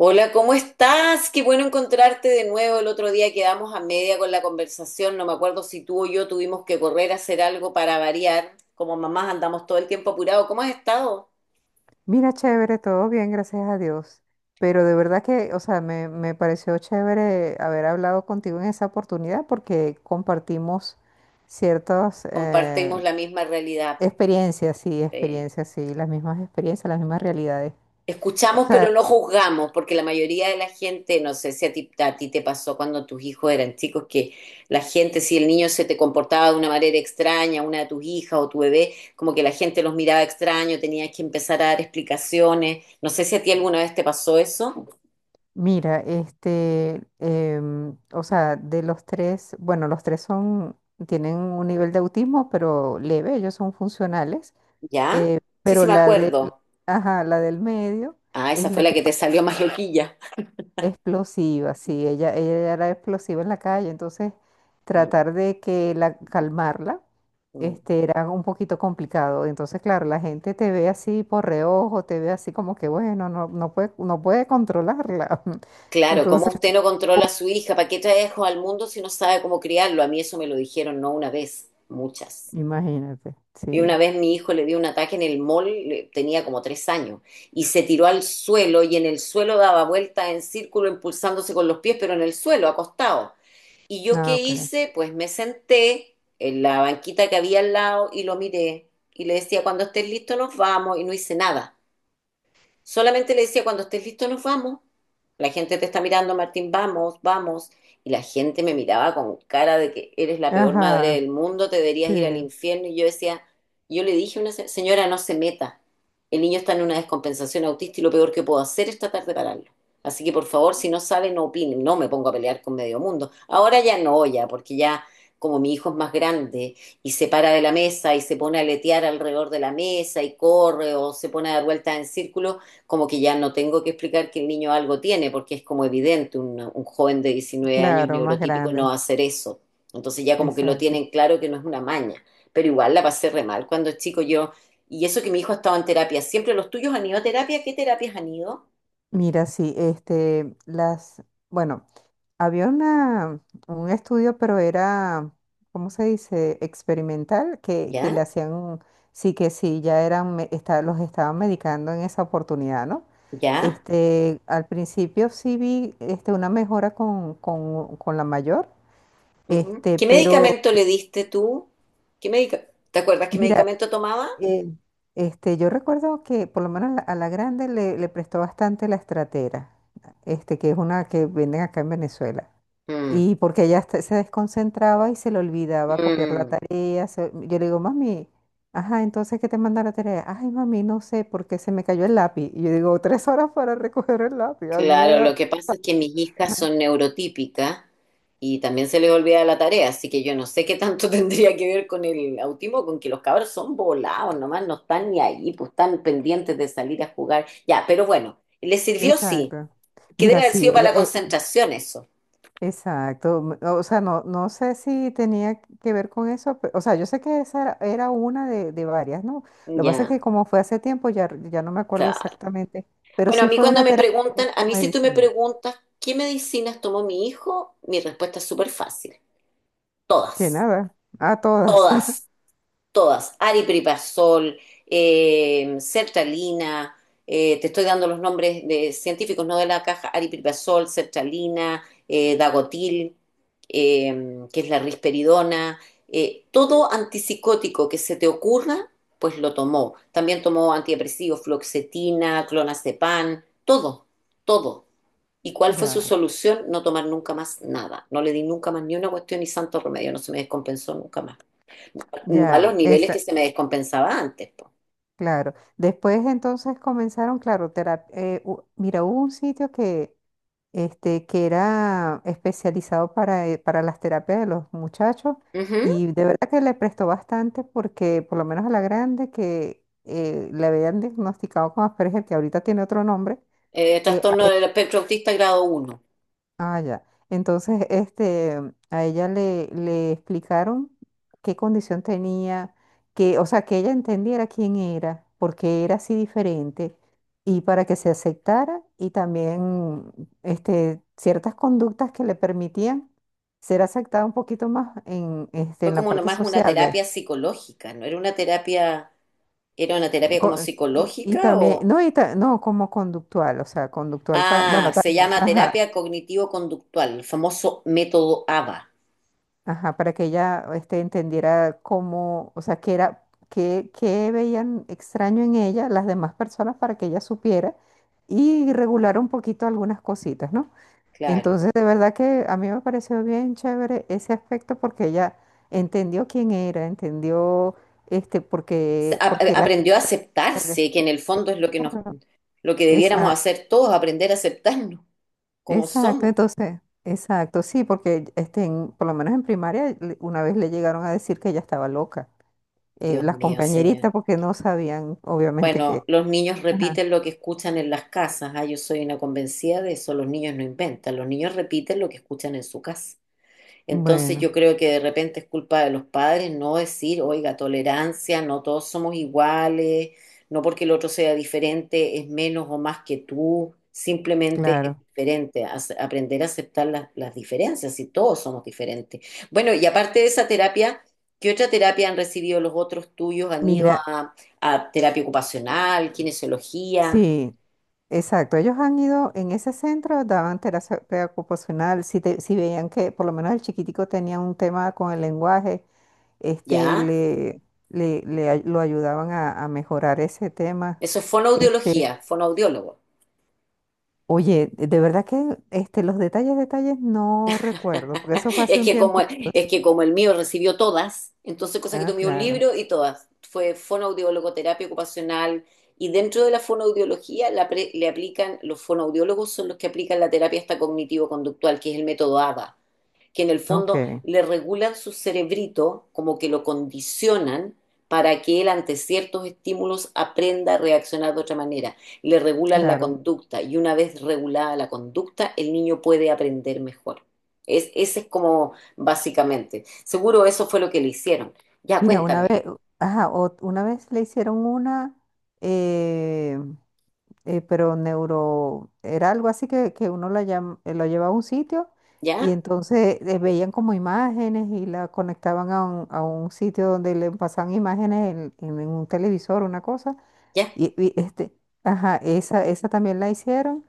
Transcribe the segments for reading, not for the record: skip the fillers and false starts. Hola, ¿cómo estás? Qué bueno encontrarte de nuevo. El otro día quedamos a media con la conversación. No me acuerdo si tú o yo tuvimos que correr a hacer algo para variar. Como mamás andamos todo el tiempo apurados. ¿Cómo has estado? Mira, chévere, todo bien, gracias a Dios. Pero de verdad que, o sea, me pareció chévere haber hablado contigo en esa oportunidad porque compartimos ciertas Compartimos la misma realidad. Pues. Eh, experiencias, sí, las mismas experiencias, las mismas realidades. O Escuchamos, pero sea, no juzgamos, porque la mayoría de la gente, no sé si a ti, a ti te pasó cuando tus hijos eran chicos, que la gente, si el niño se te comportaba de una manera extraña, una de tus hijas o tu bebé, como que la gente los miraba extraño, tenías que empezar a dar explicaciones. No sé si a ti alguna vez te pasó eso. mira, este, o sea, de los tres, bueno, los tres son, tienen un nivel de autismo, pero leve, ellos son funcionales. ¿Ya? Sí, sí, Pero me la de, acuerdo. ajá, la del medio Ah, esa es fue la la que que te salió más loquilla. explosiva, sí, ella era explosiva en la calle, entonces Mm, tratar de que calmarla mm. este, era un poquito complicado. Entonces, claro, la gente te ve así por reojo, te ve así como que, bueno, no, no puede controlarla. Claro, ¿cómo Entonces, usted no controla a su hija? ¿Para qué trae hijos al mundo si no sabe cómo criarlo? A mí eso me lo dijeron no una vez, muchas. imagínate, Y una sí. vez mi hijo le dio un ataque en el mall, tenía como 3 años, y se tiró al suelo y en el suelo daba vueltas en círculo, impulsándose con los pies, pero en el suelo, acostado. ¿Y yo Ah, qué ok. hice? Pues me senté en la banquita que había al lado y lo miré. Y le decía, cuando estés listo nos vamos, y no hice nada. Solamente le decía, cuando estés listo nos vamos. La gente te está mirando, Martín, vamos, vamos. Y la gente me miraba con cara de que eres la peor madre Ajá, del mundo, te deberías sí, ir al infierno. Y yo decía, yo le dije a una señora, no se meta. El niño está en una descompensación autista y lo peor que puedo hacer es tratar de pararlo. Así que por favor, si no sabe, no opine. No me pongo a pelear con medio mundo. Ahora ya no, ya, porque ya como mi hijo es más grande y se para de la mesa y se pone a letear alrededor de la mesa y corre o se pone a dar vueltas en círculo, como que ya no tengo que explicar que el niño algo tiene, porque es como evidente, un joven de 19 años claro, más neurotípico no va grande, a hacer eso. Entonces ya como que lo exacto. tienen claro que no es una maña, pero igual la pasé re mal cuando chico yo, y eso que mi hijo ha estado en terapia, siempre los tuyos han ido a terapia, ¿qué terapias han ido? Mira, sí, este, bueno. Había una, un estudio, pero era, ¿cómo se dice? Experimental, que ¿Ya? le hacían, sí que sí, los estaban medicando en esa oportunidad, ¿no? ¿Ya? Este, al principio sí vi este, una mejora con la mayor, Ujú. este, ¿Qué pero medicamento le diste tú? ¿Te acuerdas qué mira, medicamento tomaba? eh, este, yo recuerdo que por lo menos a la grande le prestó bastante la estratera, este, que es una que venden acá en Venezuela. Mm, Y porque ella hasta se desconcentraba y se le olvidaba copiar la mm. tarea. Yo le digo, mami, ajá, entonces ¿qué te manda la tarea? Ay, mami, no sé, porque se me cayó el lápiz. Y yo digo, tres horas para recoger el lápiz. Claro, lo que pasa es que mis hijas son neurotípicas y también se les olvida la tarea, así que yo no sé qué tanto tendría que ver con el autismo, con que los cabros son volados, nomás no están ni ahí, pues están pendientes de salir a jugar. Ya, pero bueno, les sirvió sí, Exacto. que debe Mira, haber sí, sido para ella, la concentración eso. exacto. O sea, no, no sé si tenía que ver con eso. O sea, yo sé que esa era una de varias, ¿no? Lo que pasa es Ya, que como fue hace tiempo, ya no me acuerdo claro. exactamente, pero Bueno, a sí mí fue cuando una me terapia preguntan, a con mí si tú me medicina. preguntas, ¿qué medicinas tomó mi hijo? Mi respuesta es súper fácil, Que todas. nada, a todas. Todas. Todas, aripiprazol, sertralina, te estoy dando los nombres de científicos, no de la caja, aripiprazol, sertralina, dagotil, que es la risperidona, todo antipsicótico que se te ocurra, pues lo tomó. También tomó antidepresivos, fluoxetina, clonazepam, todo, todo. ¿Y cuál fue su Ya, solución? No tomar nunca más nada. No le di nunca más ni una cuestión ni santo remedio, no se me descompensó nunca más no a los ya, niveles que esa, se me descompensaba antes. Po. claro. Después entonces comenzaron, claro, mira, hubo un sitio que, este, que era especializado para las terapias de los muchachos Ujú. y de verdad que le prestó bastante porque por lo menos a la grande que le habían diagnosticado con Asperger, que ahorita tiene otro nombre. Eh, Eh, trastorno del espectro autista grado uno. Ah, ya. Entonces, este, a ella le explicaron qué condición tenía, que, o sea, que ella entendiera quién era, por qué era así diferente, y para que se aceptara, y también, este, ciertas conductas que le permitían ser aceptada un poquito más en, este, Fue en la como parte nomás una sociable. terapia psicológica, ¿no? Era una terapia Co- como y psicológica también, o... no, y no, como conductual, o sea, conductual para, bueno, Ah, se también, llama ajá. terapia cognitivo-conductual, el famoso método ABA. Ajá, para que ella este, entendiera cómo, o sea, qué era, qué veían extraño en ella las demás personas para que ella supiera y regular un poquito algunas cositas, ¿no? Claro. Entonces, de verdad que a mí me pareció bien chévere ese aspecto porque ella entendió quién era, entendió este, Se- porque, a- porque a- la... aprendió a aceptarse, que en el fondo es lo que debiéramos Exacto, hacer todos, aprender a aceptarnos como exacto, somos. entonces, exacto, sí, porque este, por lo menos en primaria una vez le llegaron a decir que ella estaba loca. Dios Las mío, señor. compañeritas porque no sabían, obviamente, Bueno, que... los niños Ajá. repiten lo que escuchan en las casas. Ah, yo soy una convencida de eso. Los niños no inventan. Los niños repiten lo que escuchan en su casa. Entonces Bueno, yo creo que de repente es culpa de los padres no decir, oiga, tolerancia, no todos somos iguales, no porque el otro sea diferente es menos o más que tú, simplemente es claro. diferente, aprender a aceptar las diferencias, si todos somos diferentes. Bueno, y aparte de esa terapia, ¿qué otra terapia han recibido los otros tuyos? ¿Han ido Mira, a terapia ocupacional, kinesiología? sí, exacto. Ellos han ido en ese centro, daban terapia ocupacional, si, si veían que por lo menos el chiquitico tenía un tema con el lenguaje, este, ¿Ya? Lo ayudaban a mejorar ese tema. Eso es Este, fonoaudiología, fonoaudiólogo. oye, de verdad que este, los detalles, detalles no recuerdo, porque eso fue hace Es un que como, tiempito. es Sí. que como el mío recibió todas, entonces cosa que Ah, tomé un claro. libro y todas. Fue fonoaudiólogo, terapia ocupacional, y dentro de la fonoaudiología le aplican, los fonoaudiólogos son los que aplican la terapia hasta cognitivo-conductual, que es el método ABA que en el Ok, fondo le regulan su cerebrito, como que lo condicionan para que él ante ciertos estímulos aprenda a reaccionar de otra manera. Le regulan la claro. conducta y una vez regulada la conducta, el niño puede aprender mejor. Ese es como básicamente. Seguro eso fue lo que le hicieron. Ya, Mira, una cuéntame. vez, ajá, una vez le hicieron una, eh, pero neuro, era algo así que, uno la lo llevaba a un sitio y ¿Ya? entonces veían como imágenes y la conectaban a un sitio donde le pasaban imágenes en un televisor, una cosa. ¿Ya? Este, ajá, esa también la hicieron.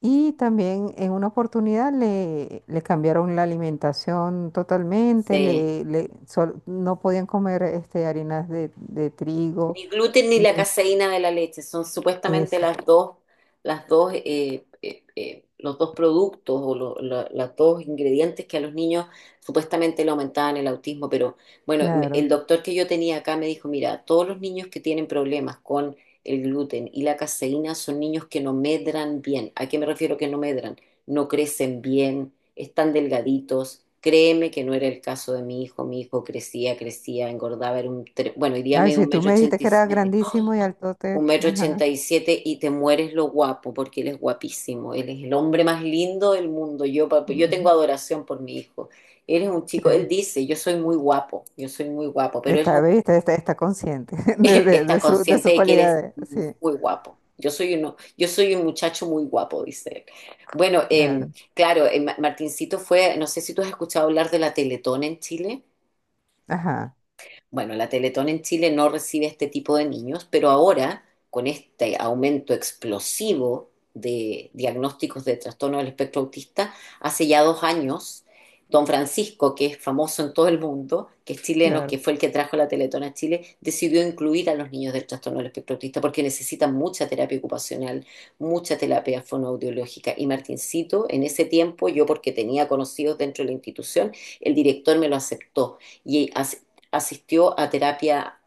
Y también en una oportunidad le cambiaron la alimentación totalmente, Sí. No podían comer este, harinas de trigo, Ni gluten ni la ni caseína de la leche son supuestamente ese, las dos, los dos productos o los dos ingredientes que a los niños supuestamente le aumentaban el autismo. Pero bueno, claro. el doctor que yo tenía acá me dijo, mira, todos los niños que tienen problemas con el gluten y la caseína son niños que no medran bien. ¿A qué me refiero que no medran? No crecen bien, están delgaditos. Créeme que no era el caso de mi hijo. Mi hijo crecía, crecía, engordaba. Bueno, hoy día Ay, me si un tú metro me dijiste ochenta que y era siete. grandísimo y ¡Ah! Un altote, metro ajá. ochenta y siete y te mueres lo guapo porque él es guapísimo. Él es el hombre más lindo del mundo. Yo, yo tengo Mm, adoración por mi hijo. Él es un chico, él sí. dice, yo soy muy guapo, yo soy muy guapo, pero él es Está, un ¿viste? Está consciente de, de, está de su, de consciente sus de que él es cualidades, muy, sí, muy guapo. Yo soy un muchacho muy guapo, dice él. Bueno, claro, claro, Martincito fue, no sé si tú has escuchado hablar de la Teletón en Chile. ajá, Bueno, la Teletón en Chile no recibe este tipo de niños, pero ahora, con este aumento explosivo de diagnósticos de trastorno del espectro autista, hace ya 2 años, don Francisco, que es famoso en todo el mundo, que es chileno, que claro, fue el que trajo la Teletón a Chile, decidió incluir a los niños del trastorno del espectro autista porque necesitan mucha terapia ocupacional, mucha terapia fonoaudiológica. Y Martincito, en ese tiempo, yo porque tenía conocidos dentro de la institución, el director me lo aceptó. Y asistió a terapia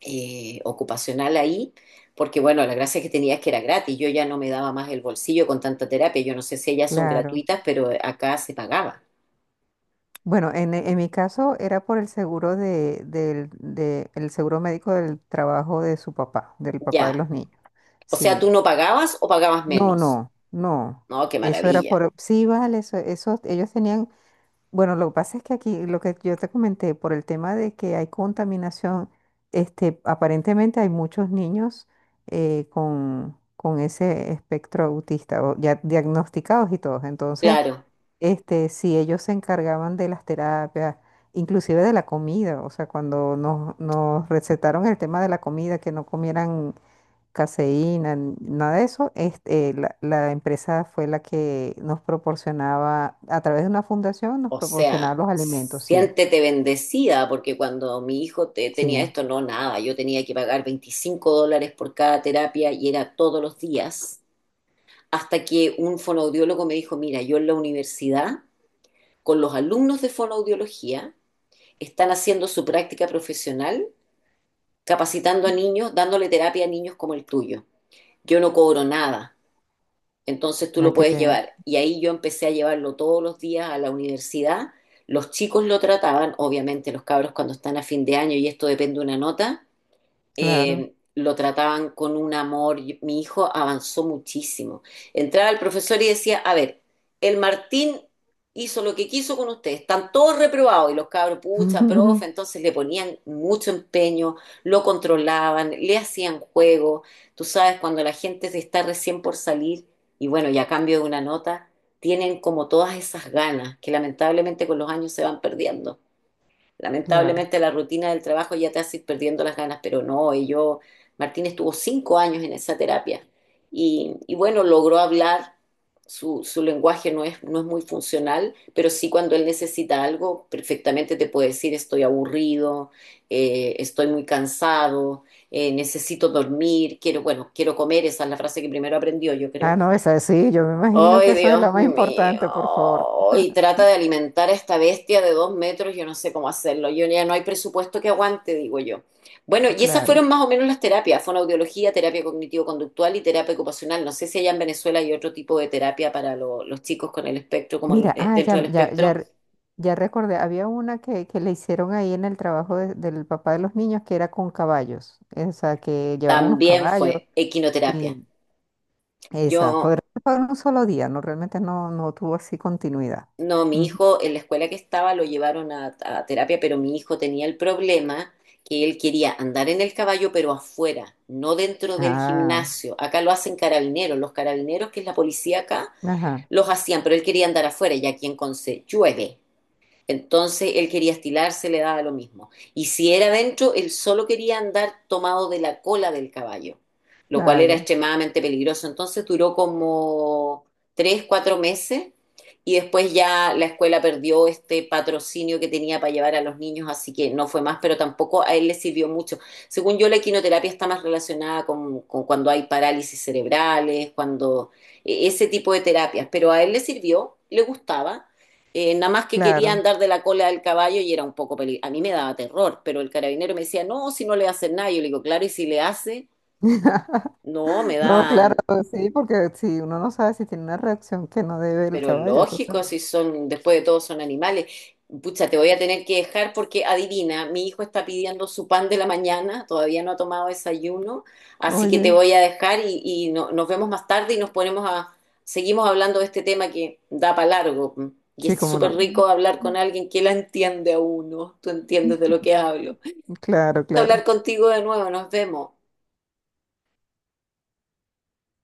ocupacional ahí, porque bueno, la gracia que tenía es que era gratis, yo ya no me daba más el bolsillo con tanta terapia, yo no sé si ellas son claro. gratuitas, pero acá se pagaba, Bueno, en mi caso era por el seguro el seguro médico del trabajo de su papá, del papá de ya. los niños. O sea, Sí. ¿tú no pagabas o pagabas No, menos? no, no. No, qué Eso era maravilla. por, sí, vale, eso, ellos tenían, bueno, lo que pasa es que aquí, lo que yo te comenté, por el tema de que hay contaminación, este, aparentemente hay muchos niños con ese espectro autista, o ya diagnosticados y todos. Entonces, Claro, este, sí, ellos se encargaban de las terapias, inclusive de la comida, o sea, cuando nos, nos recetaron el tema de la comida, que no comieran caseína, nada de eso, este, la empresa fue la que nos proporcionaba, a través de una fundación, nos o sea, proporcionaba los alimentos, sí, siéntete bendecida, porque cuando mi hijo sí, tenía esto, no, nada, yo tenía que pagar $25 por cada terapia y era todos los días, hasta que un fonoaudiólogo me dijo, mira, yo en la universidad con los alumnos de fonoaudiología, están haciendo su práctica profesional, capacitando a niños, dándole terapia a niños como el tuyo. Yo no cobro nada, entonces tú hay lo que puedes bien, llevar. Y ahí yo empecé a llevarlo todos los días a la universidad. Los chicos lo trataban, obviamente los cabros cuando están a fin de año y esto depende de una nota, claro, lo trataban con un amor. Mi hijo avanzó muchísimo. Entraba el profesor y decía, a ver, el Martín hizo lo que quiso con ustedes, están todos reprobados y los cabros, pucha, profe, entonces le ponían mucho empeño, lo controlaban, le hacían juego. Tú sabes, cuando la gente está recién por salir y bueno, y a cambio de una nota, tienen como todas esas ganas que lamentablemente con los años se van perdiendo. claro. Lamentablemente la rutina del trabajo ya te hace ir perdiendo las ganas, pero no, y yo, Martín estuvo 5 años en esa terapia y bueno, logró hablar, su lenguaje no es, no es muy funcional, pero sí cuando él necesita algo, perfectamente te puede decir estoy aburrido, estoy muy cansado, necesito dormir, quiero, bueno, quiero comer, esa es la frase que primero aprendió, yo Ah, creo. no, esa sí, yo me imagino que Ay, eso es Dios lo más mío. importante, por favor, Y trata de alimentar a esta bestia de 2 metros. Yo no sé cómo hacerlo. Yo ya no hay presupuesto que aguante, digo yo. Bueno, y esas claro. fueron más o menos las terapias: fonoaudiología, terapia cognitivo-conductual y terapia ocupacional. No sé si allá en Venezuela hay otro tipo de terapia para los chicos con el espectro, Mira, ah, dentro del espectro. Ya recordé, había una que le hicieron ahí en el trabajo del papá de los niños que era con caballos, o sea, que llevaron unos También caballos fue equinoterapia. y esa, fue, Yo fue un solo día, no, realmente no tuvo así continuidad. No, mi Ujú. hijo en la escuela que estaba lo llevaron a terapia, pero mi hijo tenía el problema que él quería andar en el caballo, pero afuera, no dentro del Ah, gimnasio. Acá lo hacen carabineros, los carabineros, que es la policía acá, ajá, los hacían, pero él quería andar afuera y aquí en Conce llueve. Entonces él quería estilarse, le daba lo mismo. Y si era dentro, él solo quería andar tomado de la cola del caballo, lo cual ah, era ya, extremadamente peligroso. Entonces duró como 3, 4 meses y después ya la escuela perdió este patrocinio que tenía para llevar a los niños, así que no fue más, pero tampoco a él le sirvió mucho. Según yo, la equinoterapia está más relacionada con cuando hay parálisis cerebrales, ese tipo de terapias, pero a él le sirvió, le gustaba, nada más que quería claro. andar de la cola del caballo y era un poco peligroso. A mí me daba terror, pero el carabinero me decía, no, si no le hace nada. Yo le digo, claro, y si le hace, no, me da, No, claro, sí, porque si uno no sabe si tiene una reacción que no debe el pero caballo, entonces lógico, bueno, si son, después de todo son animales. Pucha, te voy a tener que dejar porque adivina, mi hijo está pidiendo su pan de la mañana, todavía no ha tomado desayuno, así que te oye, voy a dejar y nos vemos más tarde y nos ponemos seguimos hablando de este tema que da para largo. Y sí, es cómo súper no. rico hablar con alguien que la entiende a uno, tú entiendes de lo que hablo. Claro, Hablar claro. contigo de nuevo, nos vemos.